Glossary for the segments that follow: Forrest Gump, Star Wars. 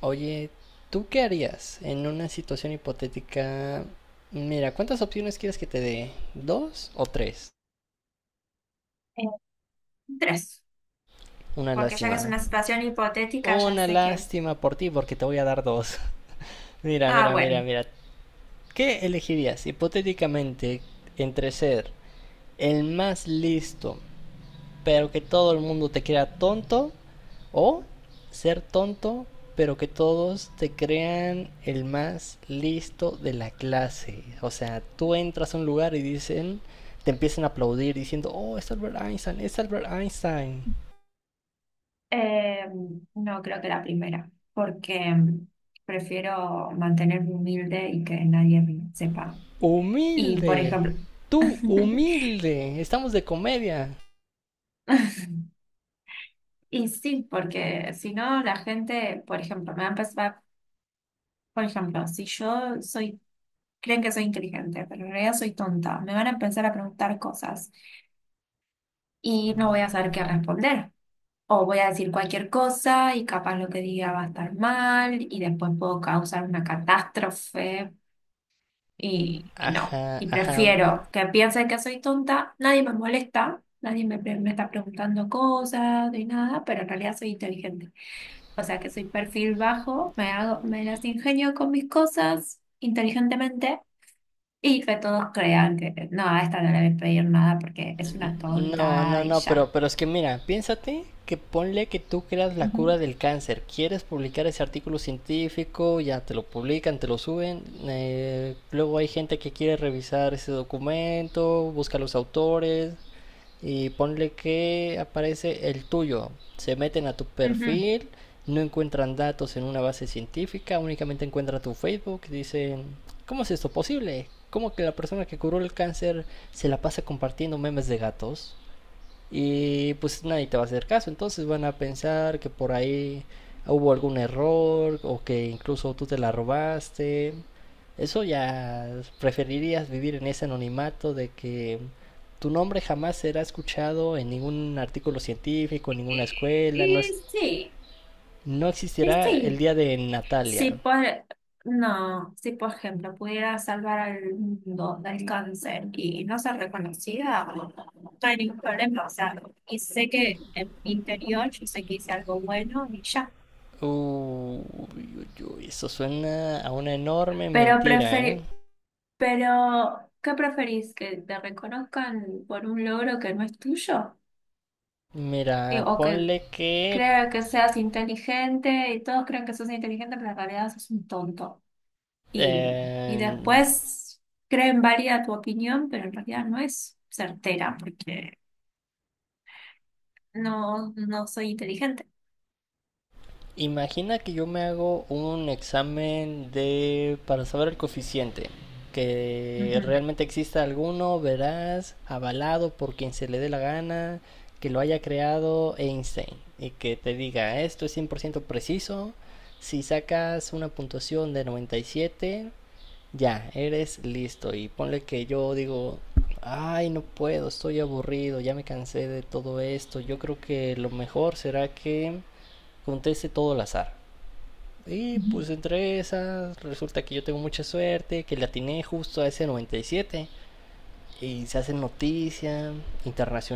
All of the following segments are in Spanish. Oye, ¿tú qué harías en una situación hipotética? Mira, ¿cuántas opciones quieres que te dé? ¿Dos o tres? Eh, tres, Una porque ya que es lástima. una situación hipotética, ya Una sé que... lástima por ti porque te voy a dar dos. Mira, Ah, mira, mira, bueno, mira. ¿Qué elegirías hipotéticamente entre ser el más listo pero que todo el mundo te crea tonto o ser tonto, pero que todos te crean el más listo de la clase? O sea, tú entras a un lugar y dicen, te empiezan a aplaudir diciendo, oh, es Albert Einstein, es Albert Einstein. eh, no creo que la primera, porque prefiero mantenerme humilde y que nadie me sepa. Y, por Humilde, ejemplo, tú humilde, estamos de comedia. y sí, porque si no, la gente, por ejemplo, me va a empezar, por ejemplo, si yo soy, creen que soy inteligente, pero en realidad soy tonta, me van a empezar a preguntar cosas y no voy a saber qué responder. O voy a decir cualquier cosa y capaz lo que diga va a estar mal y después puedo causar una catástrofe y no. Ajá, Y ajá. prefiero que piensen que soy tonta, nadie me molesta, nadie me, pre- me está preguntando cosas ni nada, pero en realidad soy inteligente. O sea que soy perfil bajo, me hago, me las ingenio con mis cosas inteligentemente. Y que todos crean que no, a esta no le voy a pedir nada porque es una No, tonta no, y no, pero, ya. pero es que mira, piénsate que ponle que tú creas la Ujú, cura del cáncer, quieres publicar ese artículo científico, ya te lo publican, te lo suben, luego hay gente que quiere revisar ese documento, busca los autores y ponle que aparece el tuyo, se meten a tu ujú. perfil, no encuentran datos en una base científica, únicamente encuentran tu Facebook, dicen, ¿cómo es esto posible? ¿Cómo que la persona que curó el cáncer se la pasa compartiendo memes de gatos? Y pues nadie te va a hacer caso. Entonces van a pensar que por ahí hubo algún error o que incluso tú te la robaste. Eso ya preferirías vivir en ese anonimato de que tu nombre jamás será escuchado en ningún artículo científico, en ninguna Y escuela, no, es, sí, no y existirá el sí. día de Si Natalia. por, no, si por ejemplo pudiera salvar al mundo del cáncer y no ser reconocida, no hay ningún problema. O sea, y sé que en mi interior yo sé que hice algo bueno y ya. Uy, eso suena a una enorme Pero mentira, ¿eh? preferi- pero, ¿qué preferís? ¿Que te reconozcan por un logro que no es tuyo? Mira, O que ponle que crea que seas inteligente y todos crean que sos inteligente, pero en realidad sos un tonto. Y, y eh, después creen válida tu opinión, pero en realidad no es certera porque no soy inteligente. imagina que yo me hago un examen de para saber el coeficiente, que Ujú. realmente exista alguno, verás, avalado por quien se le dé la gana, que lo haya creado Einstein y que te diga, esto es 100% preciso, si sacas una puntuación de 97 ya, eres listo y ponle que yo digo, ay, no puedo, estoy aburrido, ya me cansé de todo esto, yo creo que lo mejor será que conteste todo al azar. Y Ujú. pues entre esas, resulta que yo tengo mucha suerte, que le atiné justo a ese 97 y siete. Y se hace noticia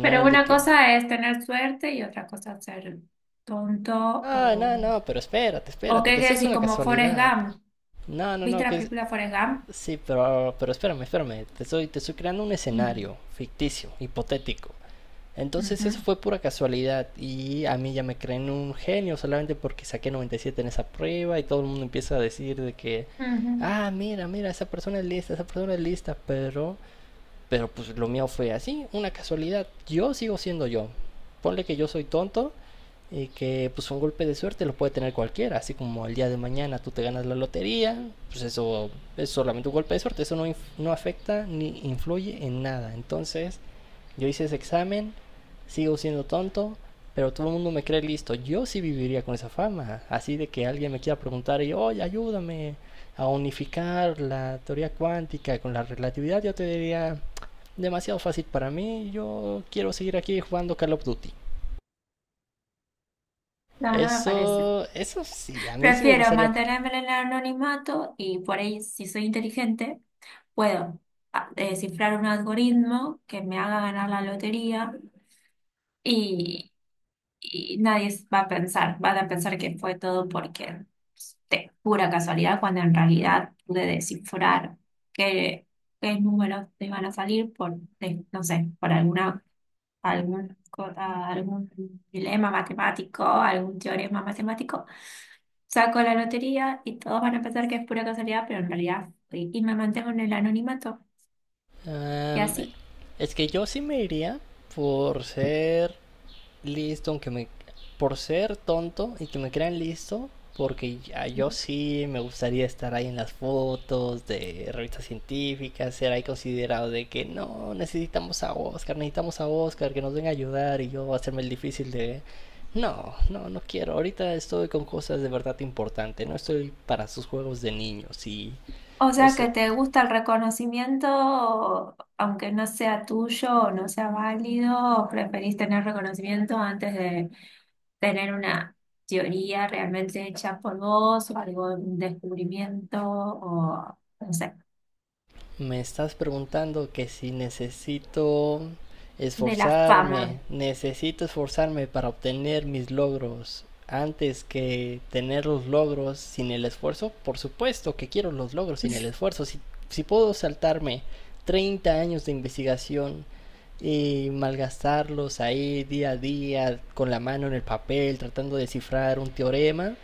Pero de una que, cosa es tener suerte y otra cosa es ser tonto ah, no, o... no, pero espérate, ¿O espérate, qué que eso quiere es decir? una Como Forrest casualidad. Gump. No, no, ¿Viste no, la que es... película Forrest Gump? Sí, pero espérame, espérame, te estoy creando un Mm. escenario ficticio, hipotético. Entonces eso Ujú. fue pura casualidad y a mí ya me creen un genio solamente porque saqué 97 en esa prueba y todo el mundo empieza a decir de que, Ujú. ah, mira, mira, esa persona es lista, esa persona es lista, pero pues lo mío fue así, una casualidad. Yo sigo siendo yo. Ponle que yo soy tonto y que pues un golpe de suerte lo puede tener cualquiera, así como el día de mañana tú te ganas la lotería, pues eso es solamente un golpe de suerte, eso no, no afecta ni influye en nada. Entonces yo hice ese examen, sigo siendo tonto, pero todo el mundo me cree listo. Yo sí viviría con esa fama. Así de que alguien me quiera preguntar y, oye, ayúdame a unificar la teoría cuántica con la relatividad, yo te diría, demasiado fácil para mí, yo quiero seguir aquí jugando Call of Duty. No, no me parece. Eso sí, a mí sí me Prefiero gustaría... mantenerme en el anonimato y por ahí, si soy inteligente, puedo descifrar un algoritmo que me haga ganar la lotería y, y nadie va a pensar, van a pensar que fue todo porque pues, de pura casualidad, cuando en realidad pude descifrar qué, qué números te iban a salir no sé, por alguna, algún, co- ah, algún dilema matemático, algún teorema matemático. Saco la lotería y todos van a pensar que es pura casualidad, y me mantengo en el anonimato. Y um, así. es que yo sí me iría por ser listo, aunque me... Por ser tonto y que me crean listo, porque yo sí me gustaría estar ahí en las fotos de revistas científicas, ser ahí considerado de que no, necesitamos a Oscar, que nos venga a ayudar y yo hacerme el difícil de... No, no, no quiero. Ahorita estoy con cosas de verdad importante. No estoy para sus juegos de niños. Y, O o sea sea, que te gusta el reconocimiento, aunque no sea tuyo o no sea válido, o preferís tener reconocimiento antes de tener una teoría realmente hecha por vos, o algo, un descubrimiento, o no sé, me estás preguntando que si necesito de la fama. esforzarme, necesito esforzarme para obtener mis logros antes que tener los logros sin el esfuerzo. Por supuesto que quiero los logros sin el esfuerzo. Si, si puedo saltarme 30 años de investigación y malgastarlos ahí día a día con la mano en el papel tratando de descifrar un teorema,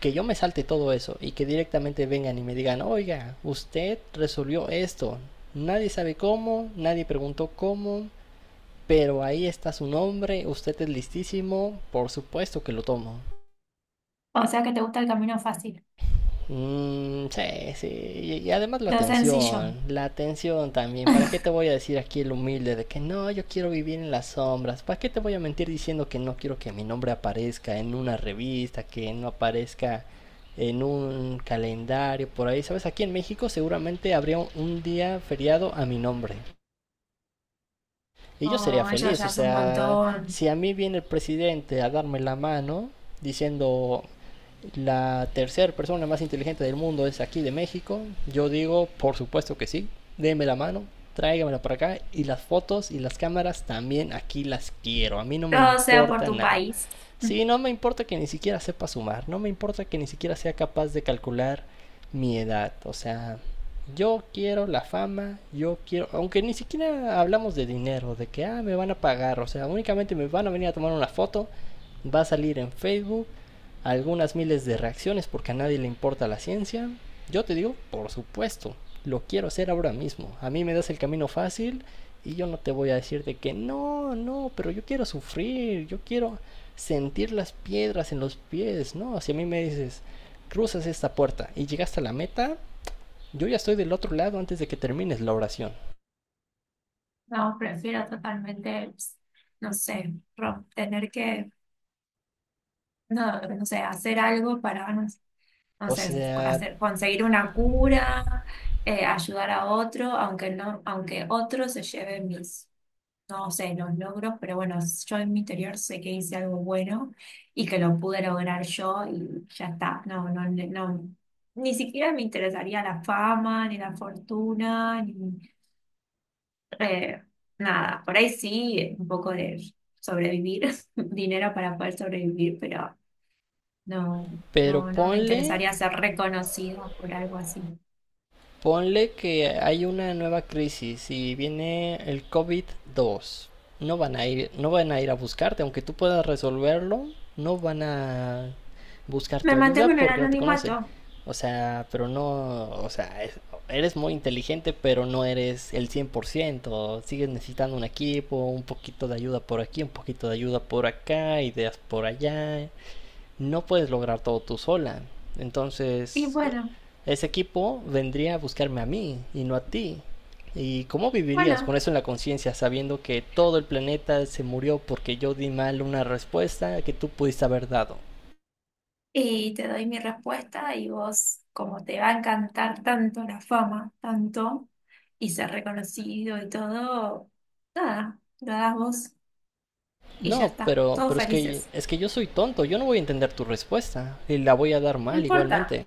que yo me salte todo eso y que directamente vengan y me digan, oiga, usted resolvió esto. Nadie sabe cómo, nadie preguntó cómo, pero ahí está su nombre, usted es listísimo, por supuesto que lo tomo. O sea que te gusta el camino fácil, Mm, sí, sí. Y además lo sencillo. La atención también. ¿Para qué te voy a decir aquí el humilde de que no, yo quiero vivir en las sombras? ¿Para qué te voy a mentir diciendo que no quiero que mi nombre aparezca en una revista, que no aparezca en un calendario por ahí? ¿Sabes? Aquí en México seguramente habría un día feriado a mi nombre. Y yo sería Oh, eso feliz, ya o es un sea, montón. si a mí viene el presidente a darme la mano diciendo la tercera persona más inteligente del mundo es aquí de México, yo digo, por supuesto que sí, déme la mano, tráigamela para acá y las fotos y las cámaras también aquí las quiero, a mí no me Todo sea por importa tu nada. país. Sí, no me importa que ni siquiera sepa sumar, no me importa que ni siquiera sea capaz de calcular mi edad, o sea, yo quiero la fama, yo quiero, aunque ni siquiera hablamos de dinero, de que ah, me van a pagar, o sea, únicamente me van a venir a tomar una foto, va a salir en Facebook, algunas miles de reacciones porque a nadie le importa la ciencia. Yo te digo, por supuesto, lo quiero hacer ahora mismo. A mí me das el camino fácil y yo no te voy a decir de que no, no, pero yo quiero sufrir, yo quiero sentir las piedras en los pies, ¿no? Si a mí me dices, cruzas esta puerta y llegas a la meta, yo ya estoy del otro lado antes de que termines la oración. No, prefiero totalmente, no sé, rom- tener que No, no sé, hacer algo para, no sé, no O sé, sea, hacer, conseguir una cura, ayudar a otro, aunque no, aunque otro se lleve mis, no sé, los logros, pero bueno, yo en mi interior sé que hice algo bueno y que lo pude lograr yo y ya está. No, no, no, ni siquiera me interesaría la fama, ni la fortuna, ni eh, nada. Por ahí sí, un poco de sobrevivir, dinero para poder sobrevivir, pero no, pero no, no me ponle interesaría ser reconocida por algo así. Ponle que hay una nueva crisis y viene el covid dos. No van a ir a buscarte, aunque tú puedas resolverlo, no van a buscar tu Me mantengo ayuda en el porque no te conocen. anonimato. O sea, pero no, o sea, eres muy inteligente, pero no eres el 100%. Sigues necesitando un equipo, un poquito de ayuda por aquí, un poquito de ayuda por acá, ideas por allá no puedes lograr todo tú sola. Y Entonces, bueno, ese equipo vendría a buscarme a mí y no a ti. ¿Y cómo vivirías con bueno, eso en la conciencia, sabiendo que todo el planeta se murió porque yo di mal una respuesta que tú pudiste haber dado? y te doy mi respuesta y vos, como te va a encantar tanto la fama, tanto, y ser reconocido y todo, nada, lo das vos y ya No, está, pero, todos pero es que felices. es que yo soy tonto, yo no voy a entender tu respuesta y la voy a dar No mal importa. igualmente.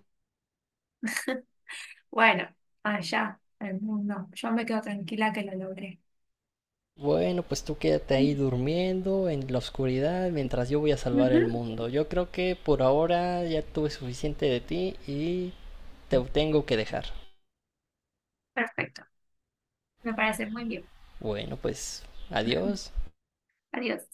Bueno, allá, el mundo. Yo me quedo tranquila que lo logré. Bueno, pues tú quédate ahí durmiendo en la oscuridad mientras yo voy a salvar Ujú. el mundo. Yo creo que por ahora ya tuve suficiente de ti y te tengo que dejar. Perfecto, me parece muy bien. Bueno, pues adiós. Adiós.